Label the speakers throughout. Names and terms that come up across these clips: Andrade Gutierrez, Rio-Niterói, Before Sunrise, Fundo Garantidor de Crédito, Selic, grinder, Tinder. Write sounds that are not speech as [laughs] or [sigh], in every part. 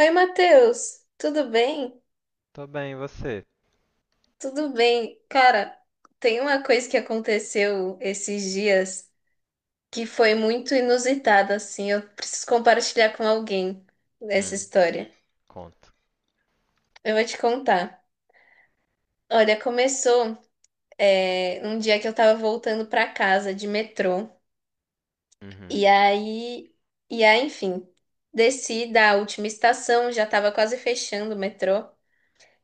Speaker 1: Oi, Matheus, tudo bem?
Speaker 2: Tô bem, e você?
Speaker 1: Tudo bem. Cara, tem uma coisa que aconteceu esses dias que foi muito inusitada, assim. Eu preciso compartilhar com alguém essa
Speaker 2: Hum,
Speaker 1: história.
Speaker 2: conto.
Speaker 1: Eu vou te contar. Olha, começou, um dia que eu tava voltando pra casa de metrô.
Speaker 2: Uhum.
Speaker 1: E aí, enfim, desci da última estação, já tava quase fechando o metrô.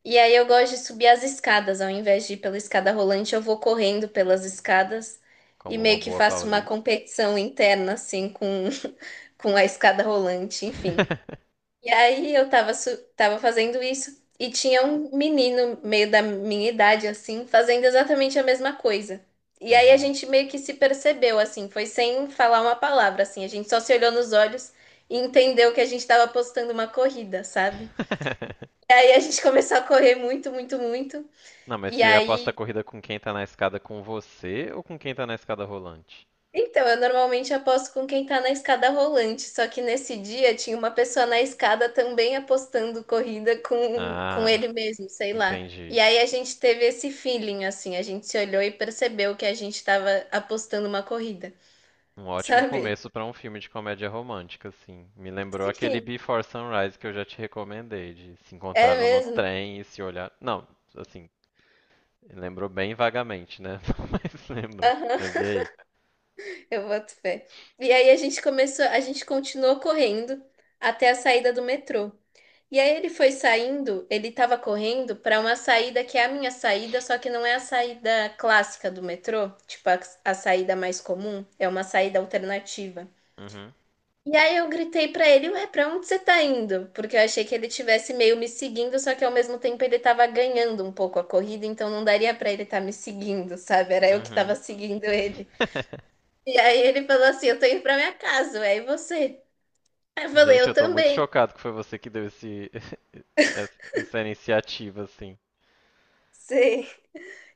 Speaker 1: E aí eu gosto de subir as escadas, ao invés de ir pela escada rolante, eu vou correndo pelas escadas e
Speaker 2: Como uma
Speaker 1: meio que
Speaker 2: boa
Speaker 1: faço uma
Speaker 2: paulista.
Speaker 1: competição interna, assim, [laughs] com a escada rolante, enfim.
Speaker 2: [laughs]
Speaker 1: E aí eu tava fazendo isso e tinha um menino, meio da minha idade, assim, fazendo exatamente a mesma coisa. E aí a
Speaker 2: Uhum.
Speaker 1: gente meio que se percebeu, assim, foi sem falar uma palavra, assim, a gente só se olhou nos olhos e entendeu que a gente tava apostando uma corrida, sabe?
Speaker 2: [laughs]
Speaker 1: E aí a gente [laughs] começou a correr muito, muito, muito.
Speaker 2: Não, mas
Speaker 1: E
Speaker 2: você aposta a
Speaker 1: aí,
Speaker 2: corrida com quem tá na escada com você ou com quem tá na escada rolante?
Speaker 1: então, eu normalmente aposto com quem tá na escada rolante, só que nesse dia tinha uma pessoa na escada também apostando corrida com
Speaker 2: Ah,
Speaker 1: ele mesmo, sei lá. E
Speaker 2: entendi.
Speaker 1: aí a gente teve esse feeling, assim, a gente se olhou e percebeu que a gente tava apostando uma corrida,
Speaker 2: Um
Speaker 1: [laughs]
Speaker 2: ótimo
Speaker 1: sabe?
Speaker 2: começo pra um filme de comédia romântica, assim. Me lembrou aquele
Speaker 1: Sim,
Speaker 2: Before Sunrise que eu já te recomendei, de se
Speaker 1: é
Speaker 2: encontraram no
Speaker 1: mesmo.
Speaker 2: trem e se olhar. Não, assim, lembrou bem vagamente, né? [laughs] Mas lembrou.
Speaker 1: Aham,
Speaker 2: Mas e aí?
Speaker 1: [laughs] eu boto fé. E aí a gente continuou correndo até a saída do metrô. E aí ele foi saindo, ele tava correndo pra uma saída que é a minha saída, só que não é a saída clássica do metrô, a saída mais comum, é uma saída alternativa.
Speaker 2: Uhum.
Speaker 1: E aí eu gritei pra ele, ué, pra onde você tá indo? Porque eu achei que ele tivesse meio me seguindo, só que ao mesmo tempo ele tava ganhando um pouco a corrida, então não daria pra ele estar tá me seguindo, sabe? Era eu que tava
Speaker 2: Uhum.
Speaker 1: seguindo ele.
Speaker 2: [laughs]
Speaker 1: E aí ele falou assim, eu tô indo pra minha casa, ué, e você? Aí eu falei,
Speaker 2: Gente,
Speaker 1: eu
Speaker 2: eu tô muito
Speaker 1: também.
Speaker 2: chocado que foi você que deu [laughs] essa iniciativa, assim.
Speaker 1: Sim.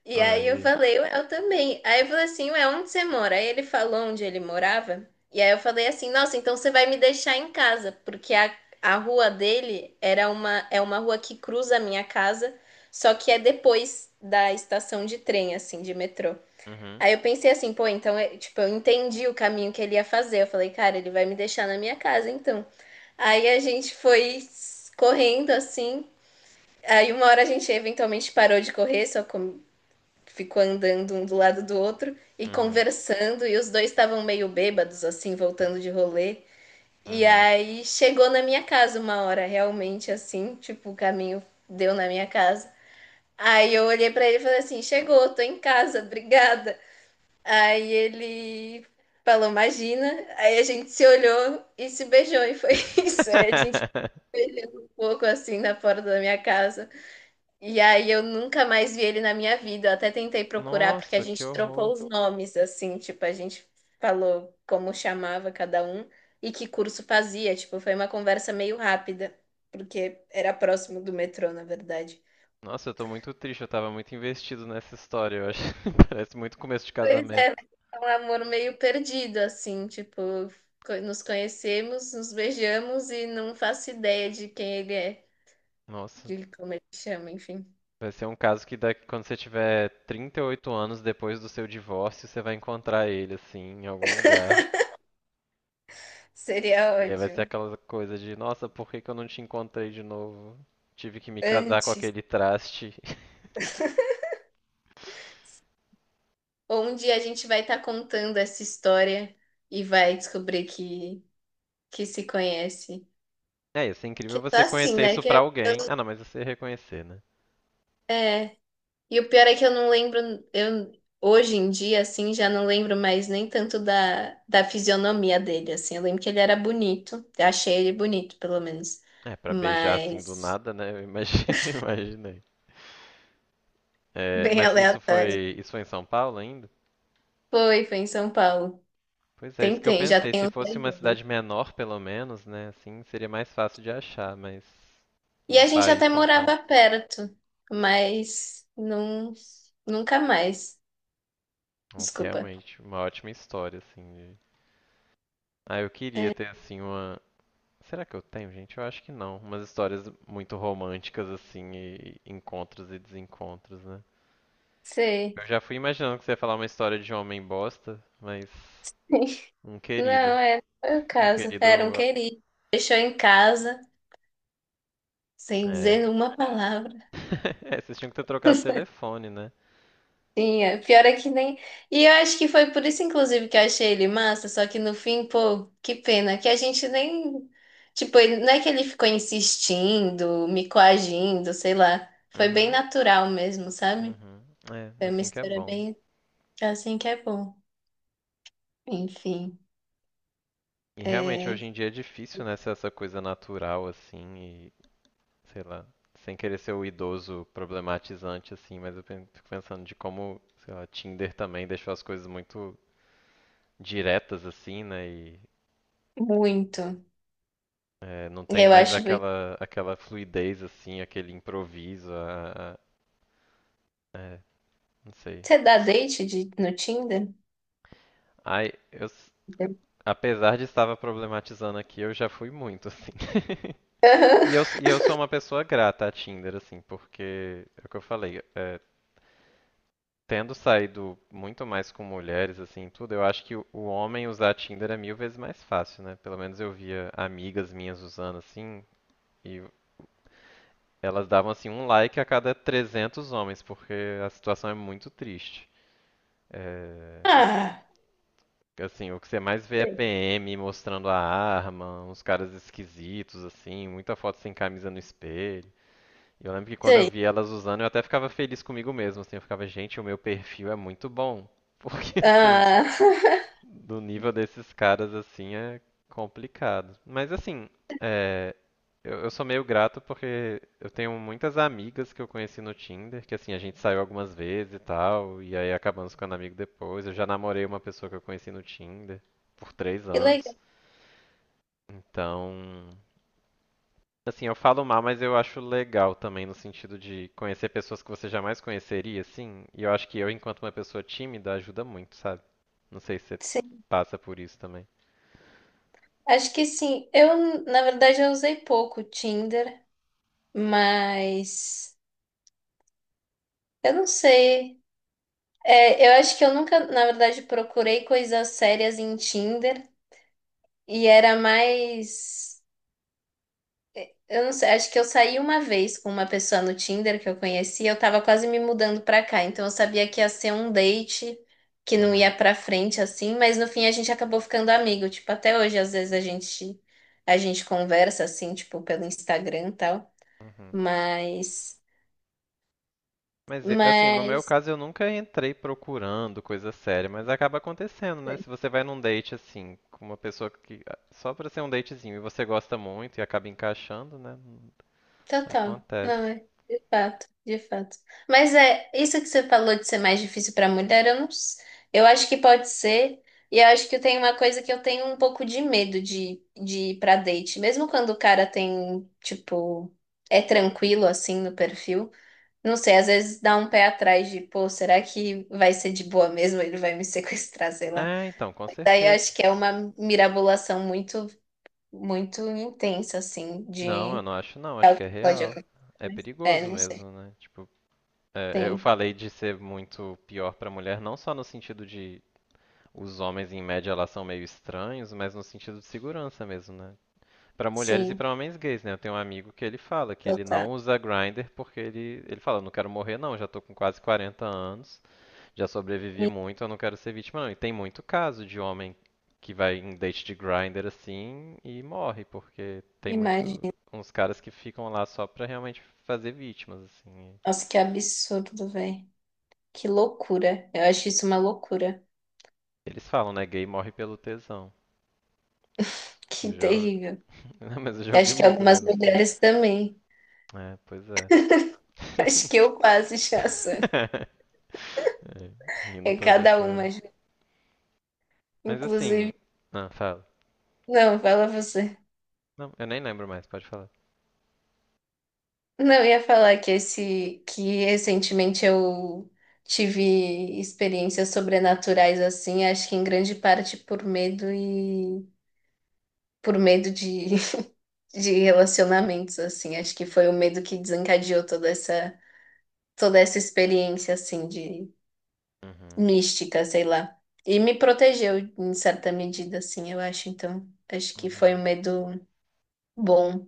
Speaker 1: E
Speaker 2: Ah,
Speaker 1: aí
Speaker 2: e
Speaker 1: eu
Speaker 2: aí?
Speaker 1: falei, "Ué, eu também. Aí eu falei assim, ué, onde você mora? Aí ele falou onde ele morava. E aí eu falei assim, nossa, então você vai me deixar em casa, porque a rua dele era uma, é uma rua que cruza a minha casa, só que é depois da estação de trem, assim, de metrô.
Speaker 2: Uhum,
Speaker 1: Aí eu pensei assim, pô, então, tipo, eu entendi o caminho que ele ia fazer. Eu falei, cara, ele vai me deixar na minha casa, então. Aí a gente foi correndo assim. Aí uma hora a gente eventualmente parou de correr, só ficou andando um do lado do outro e
Speaker 2: uhum,
Speaker 1: conversando, e os dois estavam meio bêbados, assim, voltando de rolê. E
Speaker 2: uhum.
Speaker 1: aí chegou na minha casa uma hora, realmente, assim, tipo, o caminho deu na minha casa. Aí eu olhei pra ele e falei assim: chegou, tô em casa, obrigada. Aí ele falou: imagina. Aí a gente se olhou e se beijou, e foi [laughs] isso. Aí a gente
Speaker 2: [laughs]
Speaker 1: beijou um pouco assim na porta da minha casa. E aí eu nunca mais vi ele na minha vida. Eu até tentei procurar porque a
Speaker 2: Nossa, que
Speaker 1: gente trocou
Speaker 2: horror.
Speaker 1: os nomes assim, tipo, a gente falou como chamava cada um e que curso fazia, tipo, foi uma conversa meio rápida, porque era próximo do metrô, na verdade.
Speaker 2: Nossa, eu tô muito triste, eu tava muito investido nessa história, eu acho. [laughs] Parece muito começo de
Speaker 1: Pois
Speaker 2: casamento.
Speaker 1: é, mas é um amor meio perdido assim, tipo, nos conhecemos, nos beijamos e não faço ideia de quem ele é,
Speaker 2: Nossa,
Speaker 1: de como ele chama, enfim.
Speaker 2: vai ser um caso que daqui, quando você tiver 38 anos depois do seu divórcio, você vai encontrar ele, assim, em algum lugar.
Speaker 1: Seria
Speaker 2: E aí vai ser
Speaker 1: ótimo.
Speaker 2: aquela coisa de, nossa, por que que eu não te encontrei de novo? Tive que me casar com
Speaker 1: Antes.
Speaker 2: aquele traste. [laughs]
Speaker 1: Onde a gente vai estar contando essa história e vai descobrir que se conhece.
Speaker 2: É, isso é incrível
Speaker 1: Que
Speaker 2: você
Speaker 1: tá assim,
Speaker 2: conhecer
Speaker 1: né?
Speaker 2: isso pra alguém. Ah, não, mas você reconhecer, né?
Speaker 1: É. E o pior é que eu não lembro, eu hoje em dia, assim, já não lembro mais nem tanto da fisionomia dele, assim. Eu lembro que ele era bonito, eu achei ele bonito, pelo menos.
Speaker 2: É, pra beijar assim do
Speaker 1: Mas
Speaker 2: nada, né? [laughs] Imaginei.
Speaker 1: [laughs]
Speaker 2: É,
Speaker 1: bem
Speaker 2: mas isso
Speaker 1: aleatório.
Speaker 2: foi, isso foi em São Paulo ainda?
Speaker 1: Foi em São Paulo.
Speaker 2: Pois é, isso que eu
Speaker 1: Tentei, já
Speaker 2: pensei.
Speaker 1: tem
Speaker 2: Se
Speaker 1: uns
Speaker 2: fosse
Speaker 1: dois
Speaker 2: uma
Speaker 1: anos.
Speaker 2: cidade menor, pelo menos, né? Assim, seria mais fácil de achar, mas
Speaker 1: E
Speaker 2: no
Speaker 1: a gente
Speaker 2: país
Speaker 1: até
Speaker 2: São Paulo.
Speaker 1: morava perto, mas não, nunca mais.
Speaker 2: Nossa,
Speaker 1: Desculpa.
Speaker 2: realmente, uma ótima história, assim. Ah, eu queria ter, assim, será que eu tenho, gente? Eu acho que não. Umas histórias muito românticas, assim, e encontros e desencontros, né?
Speaker 1: Sei.
Speaker 2: Eu já fui imaginando que você ia falar uma história de um homem bosta, mas
Speaker 1: [laughs]
Speaker 2: um
Speaker 1: Não,
Speaker 2: querido.
Speaker 1: é, foi o
Speaker 2: Um
Speaker 1: caso. Era um
Speaker 2: querido.
Speaker 1: querido. Deixou em casa, sem
Speaker 2: É.
Speaker 1: dizer uma palavra.
Speaker 2: [laughs] É, vocês tinham que ter trocado o
Speaker 1: [laughs]
Speaker 2: telefone, né?
Speaker 1: Sim, é. Pior é que nem. E eu acho que foi por isso, inclusive, que eu achei ele massa. Só que no fim, pô, que pena. Que a gente nem. Tipo, ele... não é que ele ficou insistindo, me coagindo, sei lá. Foi bem
Speaker 2: Uhum.
Speaker 1: natural mesmo, sabe?
Speaker 2: Uhum. É,
Speaker 1: Foi uma
Speaker 2: assim que é
Speaker 1: história
Speaker 2: bom.
Speaker 1: bem assim que é bom. Enfim,
Speaker 2: E realmente hoje
Speaker 1: é
Speaker 2: em dia é difícil, né, ser essa coisa natural, assim, e sei lá, sem querer ser o idoso problematizante, assim, mas fico pensando de como, sei lá, Tinder também deixou as coisas muito diretas assim, né? E
Speaker 1: muito.
Speaker 2: é, não tem
Speaker 1: Eu
Speaker 2: mais
Speaker 1: acho.
Speaker 2: aquela fluidez assim, aquele improviso, é, não sei.
Speaker 1: Você dá date no Tinder?
Speaker 2: Ai, apesar de estava problematizando aqui, eu já fui muito assim. [laughs]
Speaker 1: Aham.
Speaker 2: E eu sou uma pessoa grata a Tinder assim, porque é o que eu falei, é, tendo saído muito mais com mulheres assim, tudo, eu acho que o homem usar Tinder é mil vezes mais fácil, né? Pelo menos eu via amigas minhas usando assim, e elas davam assim um like a cada 300 homens, porque a situação é muito triste. É,
Speaker 1: Ah,
Speaker 2: assim, o que você mais vê é
Speaker 1: sei,
Speaker 2: PM mostrando a arma, uns caras esquisitos assim, muita foto sem camisa no espelho. E eu lembro que quando eu
Speaker 1: sei.
Speaker 2: vi elas usando, eu até ficava feliz comigo mesmo, assim, eu ficava, gente, o meu perfil é muito bom. [laughs] Porque assim,
Speaker 1: Ah, [laughs]
Speaker 2: do nível desses caras, assim, é complicado. Mas, assim, é, eu sou meio grato porque eu tenho muitas amigas que eu conheci no Tinder, que, assim, a gente saiu algumas vezes e tal, e aí acabamos ficando amigo depois. Eu já namorei uma pessoa que eu conheci no Tinder por três
Speaker 1: que
Speaker 2: anos.
Speaker 1: legal,
Speaker 2: Então, assim, eu falo mal, mas eu acho legal também no sentido de conhecer pessoas que você jamais conheceria, assim. E eu acho que eu, enquanto uma pessoa tímida, ajuda muito, sabe? Não sei se você
Speaker 1: sim.
Speaker 2: passa por isso também.
Speaker 1: Acho que sim. Eu, na verdade, eu usei pouco o Tinder, mas eu não sei. É, eu acho que eu nunca, na verdade, procurei coisas sérias em Tinder e era mais. Eu não sei, acho que eu saí uma vez com uma pessoa no Tinder que eu conheci eu tava quase me mudando pra cá, então eu sabia que ia ser um date que não
Speaker 2: Uhum.
Speaker 1: ia pra frente assim, mas no fim a gente acabou ficando amigo, tipo, até hoje às vezes a gente conversa assim, tipo, pelo Instagram e tal,
Speaker 2: Uhum.
Speaker 1: mas
Speaker 2: Mas assim, no meu
Speaker 1: mas
Speaker 2: caso eu nunca entrei procurando coisa séria, mas acaba acontecendo, né? Se você vai num date assim, com uma pessoa que ah, só pra ser um datezinho e você gosta muito e acaba encaixando, né?
Speaker 1: Total. Não
Speaker 2: Acontece.
Speaker 1: é. De fato, de fato. Mas é isso que você falou de ser mais difícil para mulher, eu não, s- eu acho que pode ser. E eu acho que tem uma coisa que eu tenho um pouco de medo de ir pra date. Mesmo quando o cara tem, tipo, é tranquilo assim no perfil. Não sei, às vezes dá um pé atrás de, pô, será que vai ser de boa mesmo? Ele vai me [laughs] sequestrar, sei lá.
Speaker 2: É, então, com
Speaker 1: Mas daí eu
Speaker 2: certeza.
Speaker 1: acho que é uma mirabolação muito intensa, assim,
Speaker 2: Não, eu
Speaker 1: de.
Speaker 2: não acho não,
Speaker 1: É
Speaker 2: acho
Speaker 1: o
Speaker 2: que é
Speaker 1: que pode
Speaker 2: real.
Speaker 1: acontecer.
Speaker 2: É
Speaker 1: Mas, é,
Speaker 2: perigoso
Speaker 1: não sei.
Speaker 2: mesmo, né? Tipo, é, eu
Speaker 1: Tem.
Speaker 2: falei de ser muito pior pra mulher, não só no sentido de os homens em média elas são meio estranhos, mas no sentido de segurança mesmo, né? Pra mulheres e
Speaker 1: Sim.
Speaker 2: pra homens gays, né? Eu tenho um amigo que ele fala que
Speaker 1: Então
Speaker 2: ele não
Speaker 1: tá.
Speaker 2: usa grinder porque ele fala, eu não quero morrer não, já tô com quase 40 anos, já sobrevivi
Speaker 1: E-
Speaker 2: muito, eu não quero ser vítima não. E tem muito caso de homem que vai em date de grinder assim e morre, porque tem muito
Speaker 1: Imagina.
Speaker 2: uns caras que ficam lá só pra realmente fazer vítimas, assim.
Speaker 1: Nossa, que absurdo, velho. Que loucura. Eu acho isso uma loucura.
Speaker 2: Eles falam, né? Gay morre pelo tesão. Eu
Speaker 1: Que
Speaker 2: já, ouvi-
Speaker 1: terrível.
Speaker 2: [laughs] Não, mas eu já
Speaker 1: Eu
Speaker 2: ouvi
Speaker 1: acho que
Speaker 2: muito
Speaker 1: algumas
Speaker 2: mesmo, assim.
Speaker 1: mulheres também.
Speaker 2: É, pois é.
Speaker 1: [laughs] Acho
Speaker 2: [laughs]
Speaker 1: que eu quase já sou.
Speaker 2: É, rindo
Speaker 1: É
Speaker 2: pra não
Speaker 1: cada
Speaker 2: chorar.
Speaker 1: uma. Ju.
Speaker 2: Mas assim.
Speaker 1: Inclusive.
Speaker 2: Não, fala.
Speaker 1: Não, fala você.
Speaker 2: Não, eu nem lembro mais, pode falar.
Speaker 1: Não, eu ia falar que esse. Que recentemente eu. Tive experiências sobrenaturais assim, acho que em grande parte por medo e por medo de relacionamentos, assim. Acho que foi o medo que desencadeou toda essa experiência, assim, de
Speaker 2: Uhum.
Speaker 1: mística, sei lá. E me protegeu em certa medida, assim, eu acho. Então, acho que foi um
Speaker 2: Uhum.
Speaker 1: medo bom.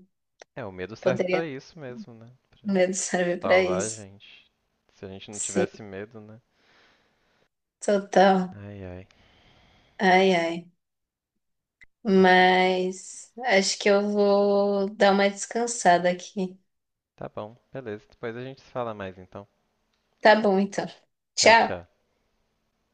Speaker 2: É, o medo serve pra
Speaker 1: Poderia,
Speaker 2: isso mesmo, né? Pra
Speaker 1: o medo [laughs] serve para
Speaker 2: salvar a
Speaker 1: isso.
Speaker 2: gente. Se a gente não
Speaker 1: Sim,
Speaker 2: tivesse medo, né?
Speaker 1: total.
Speaker 2: Ai, ai.
Speaker 1: Ai, ai.
Speaker 2: Aqui.
Speaker 1: Mas acho que eu vou dar uma descansada aqui.
Speaker 2: Tá bom, beleza. Depois a gente se fala mais então.
Speaker 1: Tá bom, então.
Speaker 2: Tchau, tchau.
Speaker 1: Tchau.